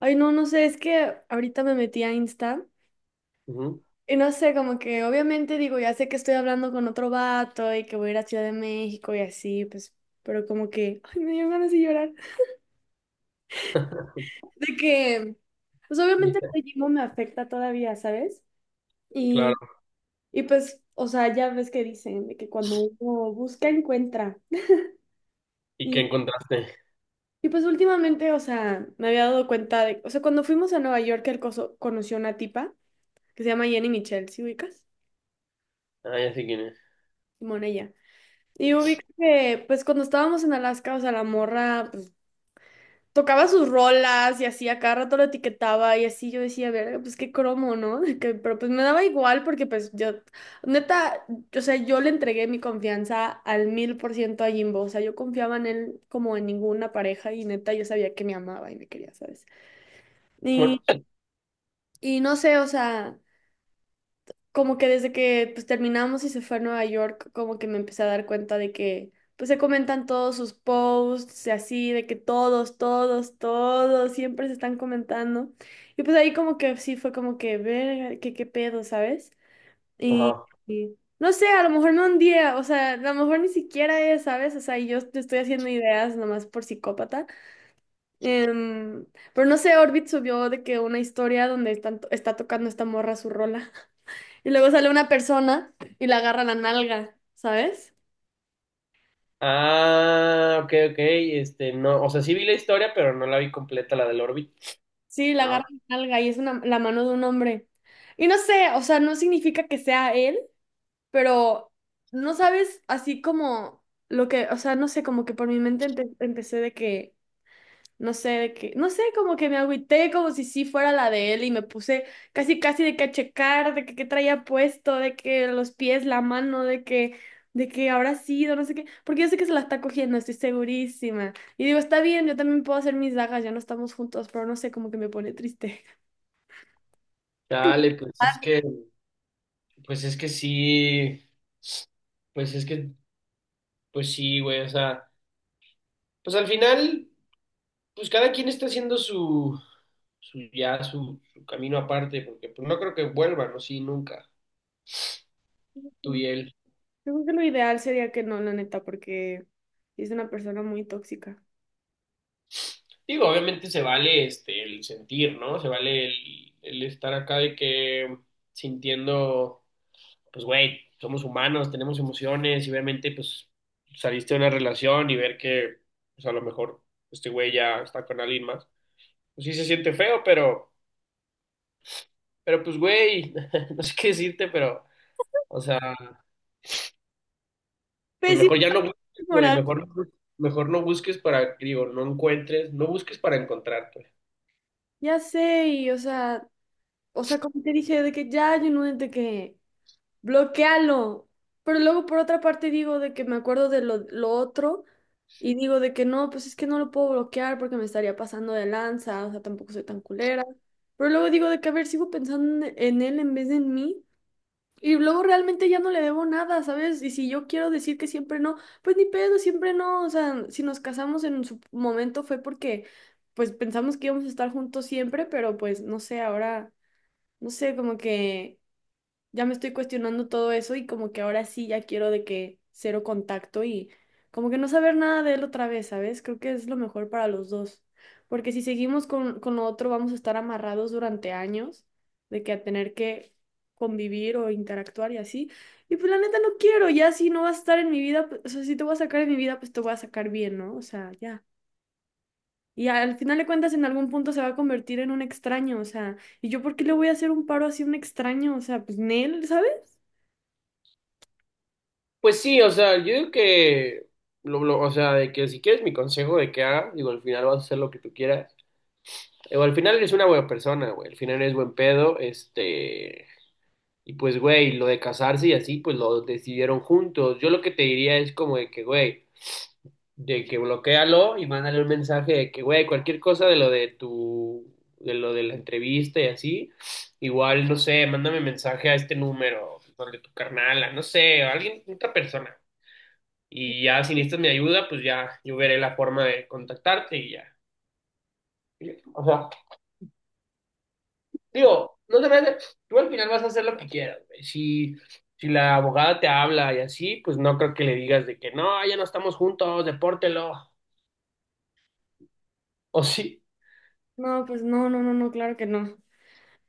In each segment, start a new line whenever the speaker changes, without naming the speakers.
Ay, no, no sé, es que ahorita me metí a Insta
Ujú.
y no sé, como que obviamente digo, ya sé que estoy hablando con otro vato y que voy a ir a Ciudad de México y así, pues, pero como que, ay, me dio ganas de llorar. De que, pues obviamente el ritmo me afecta todavía, ¿sabes? Y,
Claro.
y pues, o sea, ya ves que dicen de que cuando uno busca, encuentra.
¿Y qué
Y,
encontraste?
y pues últimamente, o sea, me había dado cuenta de, o sea, cuando fuimos a Nueva York, él conoció una tipa que se llama Jenny Michelle, ¿sí ubicas?
Ah, ya sé quién es.
Simón, ella. Y ubico que, pues cuando estábamos en Alaska, o sea, la morra, pues tocaba sus rolas y así, a cada rato lo etiquetaba y así yo decía, verga, pues qué cromo, ¿no? Pero pues me daba igual porque pues yo, neta, o sea, yo le entregué mi confianza al 1000% a Jimbo, o sea, yo confiaba en él como en ninguna pareja y neta, yo sabía que me amaba y me quería, ¿sabes?
Bueno,
Y, y no sé, o sea, como que desde que pues terminamos y se fue a Nueva York, como que me empecé a dar cuenta de que pues se comentan todos sus posts y así, de que todos, todos, todos siempre se están comentando. Y pues ahí como que sí fue como que ver qué pedo, ¿sabes? Y,
ajá.
y no sé, a lo mejor no un día, o sea, a lo mejor ni siquiera es, ¿sabes? O sea, y yo te estoy haciendo ideas nomás por psicópata. Em, pero no sé, Orbit subió de que una historia donde están, está tocando esta morra su rola. Y luego sale una persona y la agarra la nalga, ¿sabes?
Ah, ok, ok. Este, no, o sea, sí vi la historia, pero no la vi completa, la del Orbit.
Sí, la
A
agarra
ver,
la nalga y es una, la mano de un hombre. Y no sé, o sea, no significa que sea él, pero no sabes así como lo que, o sea, no sé, como que por mi mente empecé de que no sé de qué, no sé, como que me agüité como si sí fuera la de él y me puse casi casi de que a checar, de que qué traía puesto, de que los pies, la mano, de que habrá sido, no sé qué, porque yo sé que se la está cogiendo, estoy segurísima. Y digo, está bien, yo también puedo hacer mis dagas, ya no estamos juntos, pero no sé, como que me pone triste.
dale, pues es
Ah,
que, pues es que sí, pues es que, pues sí, güey, o sea, pues al final, pues cada quien está haciendo su camino aparte, porque pues no creo que vuelvan, ¿no? Sí, nunca, tú y
sí.
él.
Yo creo que lo ideal sería que no, la neta, porque es una persona muy tóxica.
Digo, obviamente se vale este el sentir, ¿no? Se vale el estar acá de que sintiendo, pues güey, somos humanos, tenemos emociones y obviamente pues saliste de una relación y ver que pues a lo mejor este güey ya está con alguien más. Pues sí se siente feo, pero pues güey, no sé qué decirte, pero o sea, pues
Pésima
mejor ya no busques, güey,
temporada.
mejor no busques para, digo, no encuentres, no busques para encontrar, pues.
Ya sé, y o sea, como te dije, de que ya, yo no, de que bloquealo. Pero luego por otra parte digo de que me acuerdo de lo otro y digo de que no, pues es que no lo puedo bloquear porque me estaría pasando de lanza, o sea, tampoco soy tan culera. Pero luego digo de que, a ver, sigo pensando en él en vez de en mí. Y luego realmente ya no le debo nada, ¿sabes? Y si yo quiero decir que siempre no, pues ni pedo, siempre no. O sea, si nos casamos en su momento fue porque, pues pensamos que íbamos a estar juntos siempre, pero pues no sé, ahora, no sé, como que ya me estoy cuestionando todo eso y como que ahora sí ya quiero de que cero contacto y como que no saber nada de él otra vez, ¿sabes? Creo que es lo mejor para los dos, porque si seguimos con lo otro vamos a estar amarrados durante años de que a tener que convivir o interactuar y así. Y pues la neta no quiero, ya si no vas a estar en mi vida, pues, o sea, si te voy a sacar en mi vida, pues te voy a sacar bien, ¿no? O sea, ya. Y al final de cuentas en algún punto se va a convertir en un extraño, o sea, ¿y yo por qué le voy a hacer un paro así a un extraño? O sea, pues Nel, ¿sabes?
Pues sí, o sea, yo digo que, o sea, de que si quieres mi consejo de que haga, digo, al final vas a hacer lo que tú quieras. Digo, al final eres una buena persona, güey, al final eres buen pedo, este, y pues, güey, lo de casarse y así, pues lo decidieron juntos. Yo lo que te diría es como de que, güey, de que bloquéalo y mándale un mensaje de que, güey, cualquier cosa de lo de tu, de lo de la entrevista y así, igual, no sé, mándame mensaje a este número, donde tu carnala, no sé, a alguien, otra persona. Y ya si necesitas mi ayuda, pues ya yo veré la forma de contactarte y ya. Y... O sea, digo, no te preocupes, tú al final vas a hacer lo que quieras, güey. Si, si la abogada te habla y así, pues no creo que le digas de que no, ya no estamos juntos, depórtelo. O sí,
No, pues no, no, no, no, claro que no.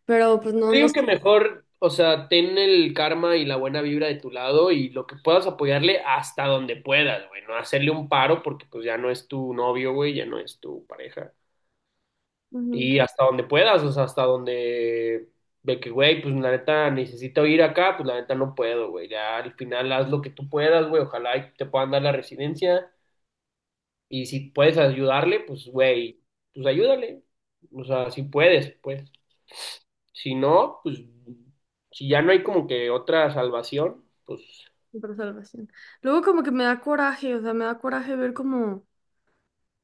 Pero pues no, no
digo
sé.
que mejor, o sea, ten el karma y la buena vibra de tu lado y lo que puedas apoyarle hasta donde puedas, güey. No hacerle un paro porque pues ya no es tu novio, güey, ya no es tu pareja.
Ujú,
Y hasta donde puedas, o sea, hasta donde de que, güey, pues la neta necesito ir acá, pues la neta no puedo, güey. Ya al final haz lo que tú puedas, güey. Ojalá y te puedan dar la residencia. Y si puedes ayudarle, pues, güey, pues ayúdale. O sea, si puedes, pues. Si no, pues, si ya no hay como que otra salvación, pues...
por salvación. Luego como que me da coraje, o sea, me da coraje ver como,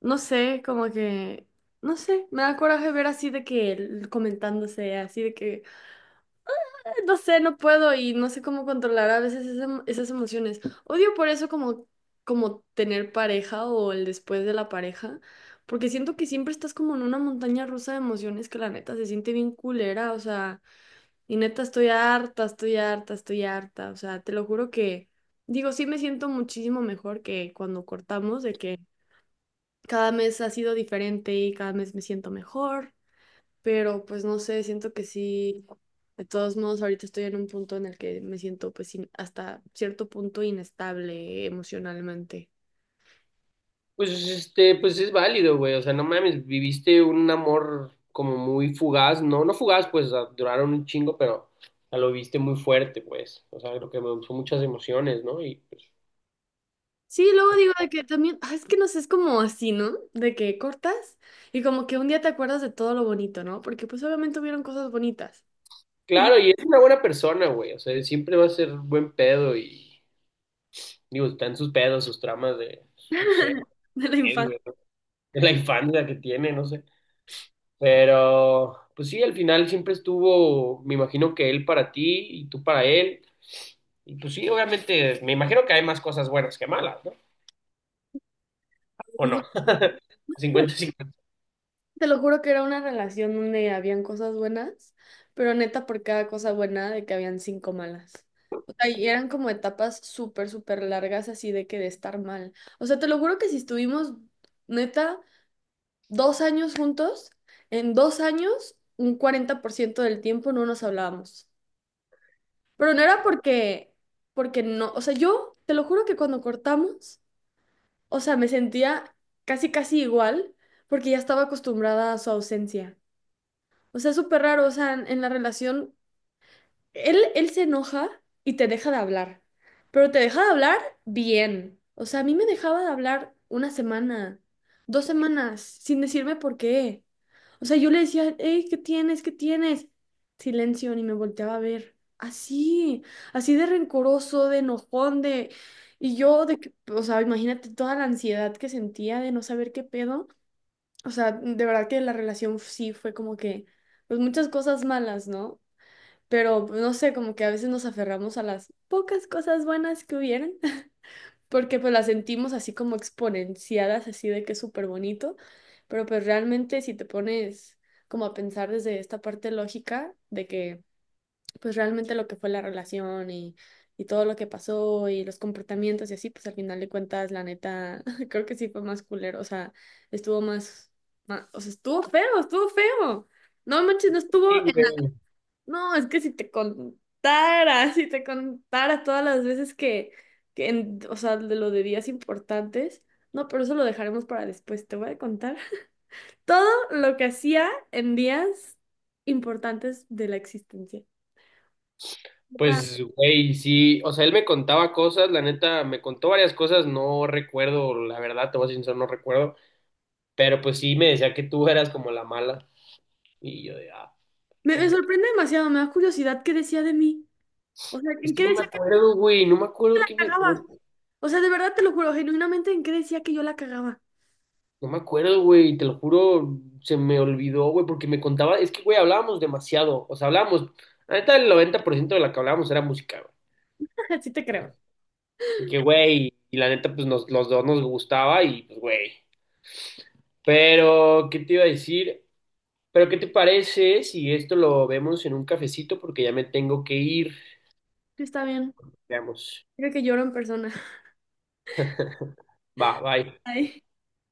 no sé, como que, no sé, me da coraje ver así de que comentándose, así de que, "Ah, no sé, no puedo y no sé cómo controlar a veces esas emociones. Odio por eso como, tener pareja o el después de la pareja, porque siento que siempre estás como en una montaña rusa de emociones que la neta se siente bien culera, o sea. Y neta, estoy harta, estoy harta, estoy harta. O sea, te lo juro que, digo, sí me siento muchísimo mejor que cuando cortamos, de que cada mes ha sido diferente y cada mes me siento mejor, pero pues no sé, siento que sí. De todos modos, ahorita estoy en un punto en el que me siento pues hasta cierto punto inestable emocionalmente.
Pues este, pues es válido, güey. O sea, no mames, viviste un amor como muy fugaz, no, no fugaz, pues a- duraron un chingo, pero a lo viste muy fuerte, pues. O sea, creo que me son muchas emociones, ¿no? Y pues,
Sí, luego digo de que también, ah, es que no sé, es como así, ¿no? De que cortas y como que un día te acuerdas de todo lo bonito, ¿no? Porque pues obviamente hubieron cosas bonitas.
claro, y es una buena persona, güey. O sea, siempre va a ser buen pedo y digo, están sus pedos, sus tramas de, no sé,
De la
qué,
infancia.
güey, ¿no? De la infancia que tiene, no sé. Pero, pues sí, al final siempre estuvo, me imagino que él para ti y tú para él. Y pues sí, obviamente, me imagino que hay más cosas buenas que malas, ¿no? ¿O
Eso-
no? ¿O no?
es-
¿50-50?
Te lo juro que era una relación donde habían cosas buenas, pero neta por cada cosa buena de que habían cinco malas. O sea, y eran como etapas súper, súper largas así de que de estar mal. O sea, te lo juro que si estuvimos neta 2 años juntos, en 2 años un 40% del tiempo no nos hablábamos. Pero no era porque no, o sea, yo te lo juro que cuando cortamos. O sea, me sentía casi, casi igual porque ya estaba acostumbrada a su ausencia. O sea, es súper raro, o sea, en la relación, él se enoja y te deja de hablar, pero te deja de hablar bien. O sea, a mí me dejaba de hablar una semana, 2 semanas, sin decirme por qué. O sea, yo le decía, hey, ¿qué tienes? ¿Qué tienes? Silencio, ni me volteaba a ver. Así, así de rencoroso, de enojón. De... Y yo, de que, o sea, imagínate toda la ansiedad que sentía de no saber qué pedo. O sea, de verdad que la relación sí fue como que, pues muchas cosas malas, ¿no? Pero pues, no sé, como que a veces nos aferramos a las pocas cosas buenas que hubieran porque pues las sentimos así como exponenciadas, así de que es súper bonito, pero pues realmente si te pones como a pensar desde esta parte lógica de que pues realmente lo que fue la relación y todo lo que pasó y los comportamientos y así, pues al final de cuentas, la neta, creo que sí fue más culero, o sea, estuvo más, o sea, estuvo feo, estuvo feo. No manches, no estuvo
Sí, güey.
no, es que si te contara, si te contara todas las veces que o sea, de lo de días importantes, no, pero eso lo dejaremos para después. Te voy a contar todo lo que hacía en días importantes de la existencia. O sea,
Pues, güey, sí, o sea, él me contaba cosas, la neta, me contó varias cosas, no recuerdo, la verdad, te voy a ser sincero, no recuerdo, pero pues sí me decía que tú eras como la mala, y yo de, ah,
me,
qué
me
mal pedo.
sorprende demasiado, me da curiosidad qué decía de mí. O sea,
Es
¿en
que
qué
no me
decía que
acuerdo, güey, no me acuerdo
la
que me, güey,
cagaba? O sea, de verdad te lo juro, genuinamente, ¿en qué decía que yo la cagaba?
no me acuerdo, güey, te lo juro, se me olvidó, güey, porque me contaba, es que, güey, hablábamos demasiado, o sea, hablábamos, la neta, el 90% de la que hablábamos era música.
Sí te creo.
Y que, güey, y la neta, pues nos, los dos nos gustaba y, pues, güey. Pero, ¿qué te iba a decir? Pero, ¿qué te parece si esto lo vemos en un cafecito? Porque ya me tengo que ir.
Sí, está bien.
Veamos.
Creo que lloro en persona.
Va, bye.
Ay.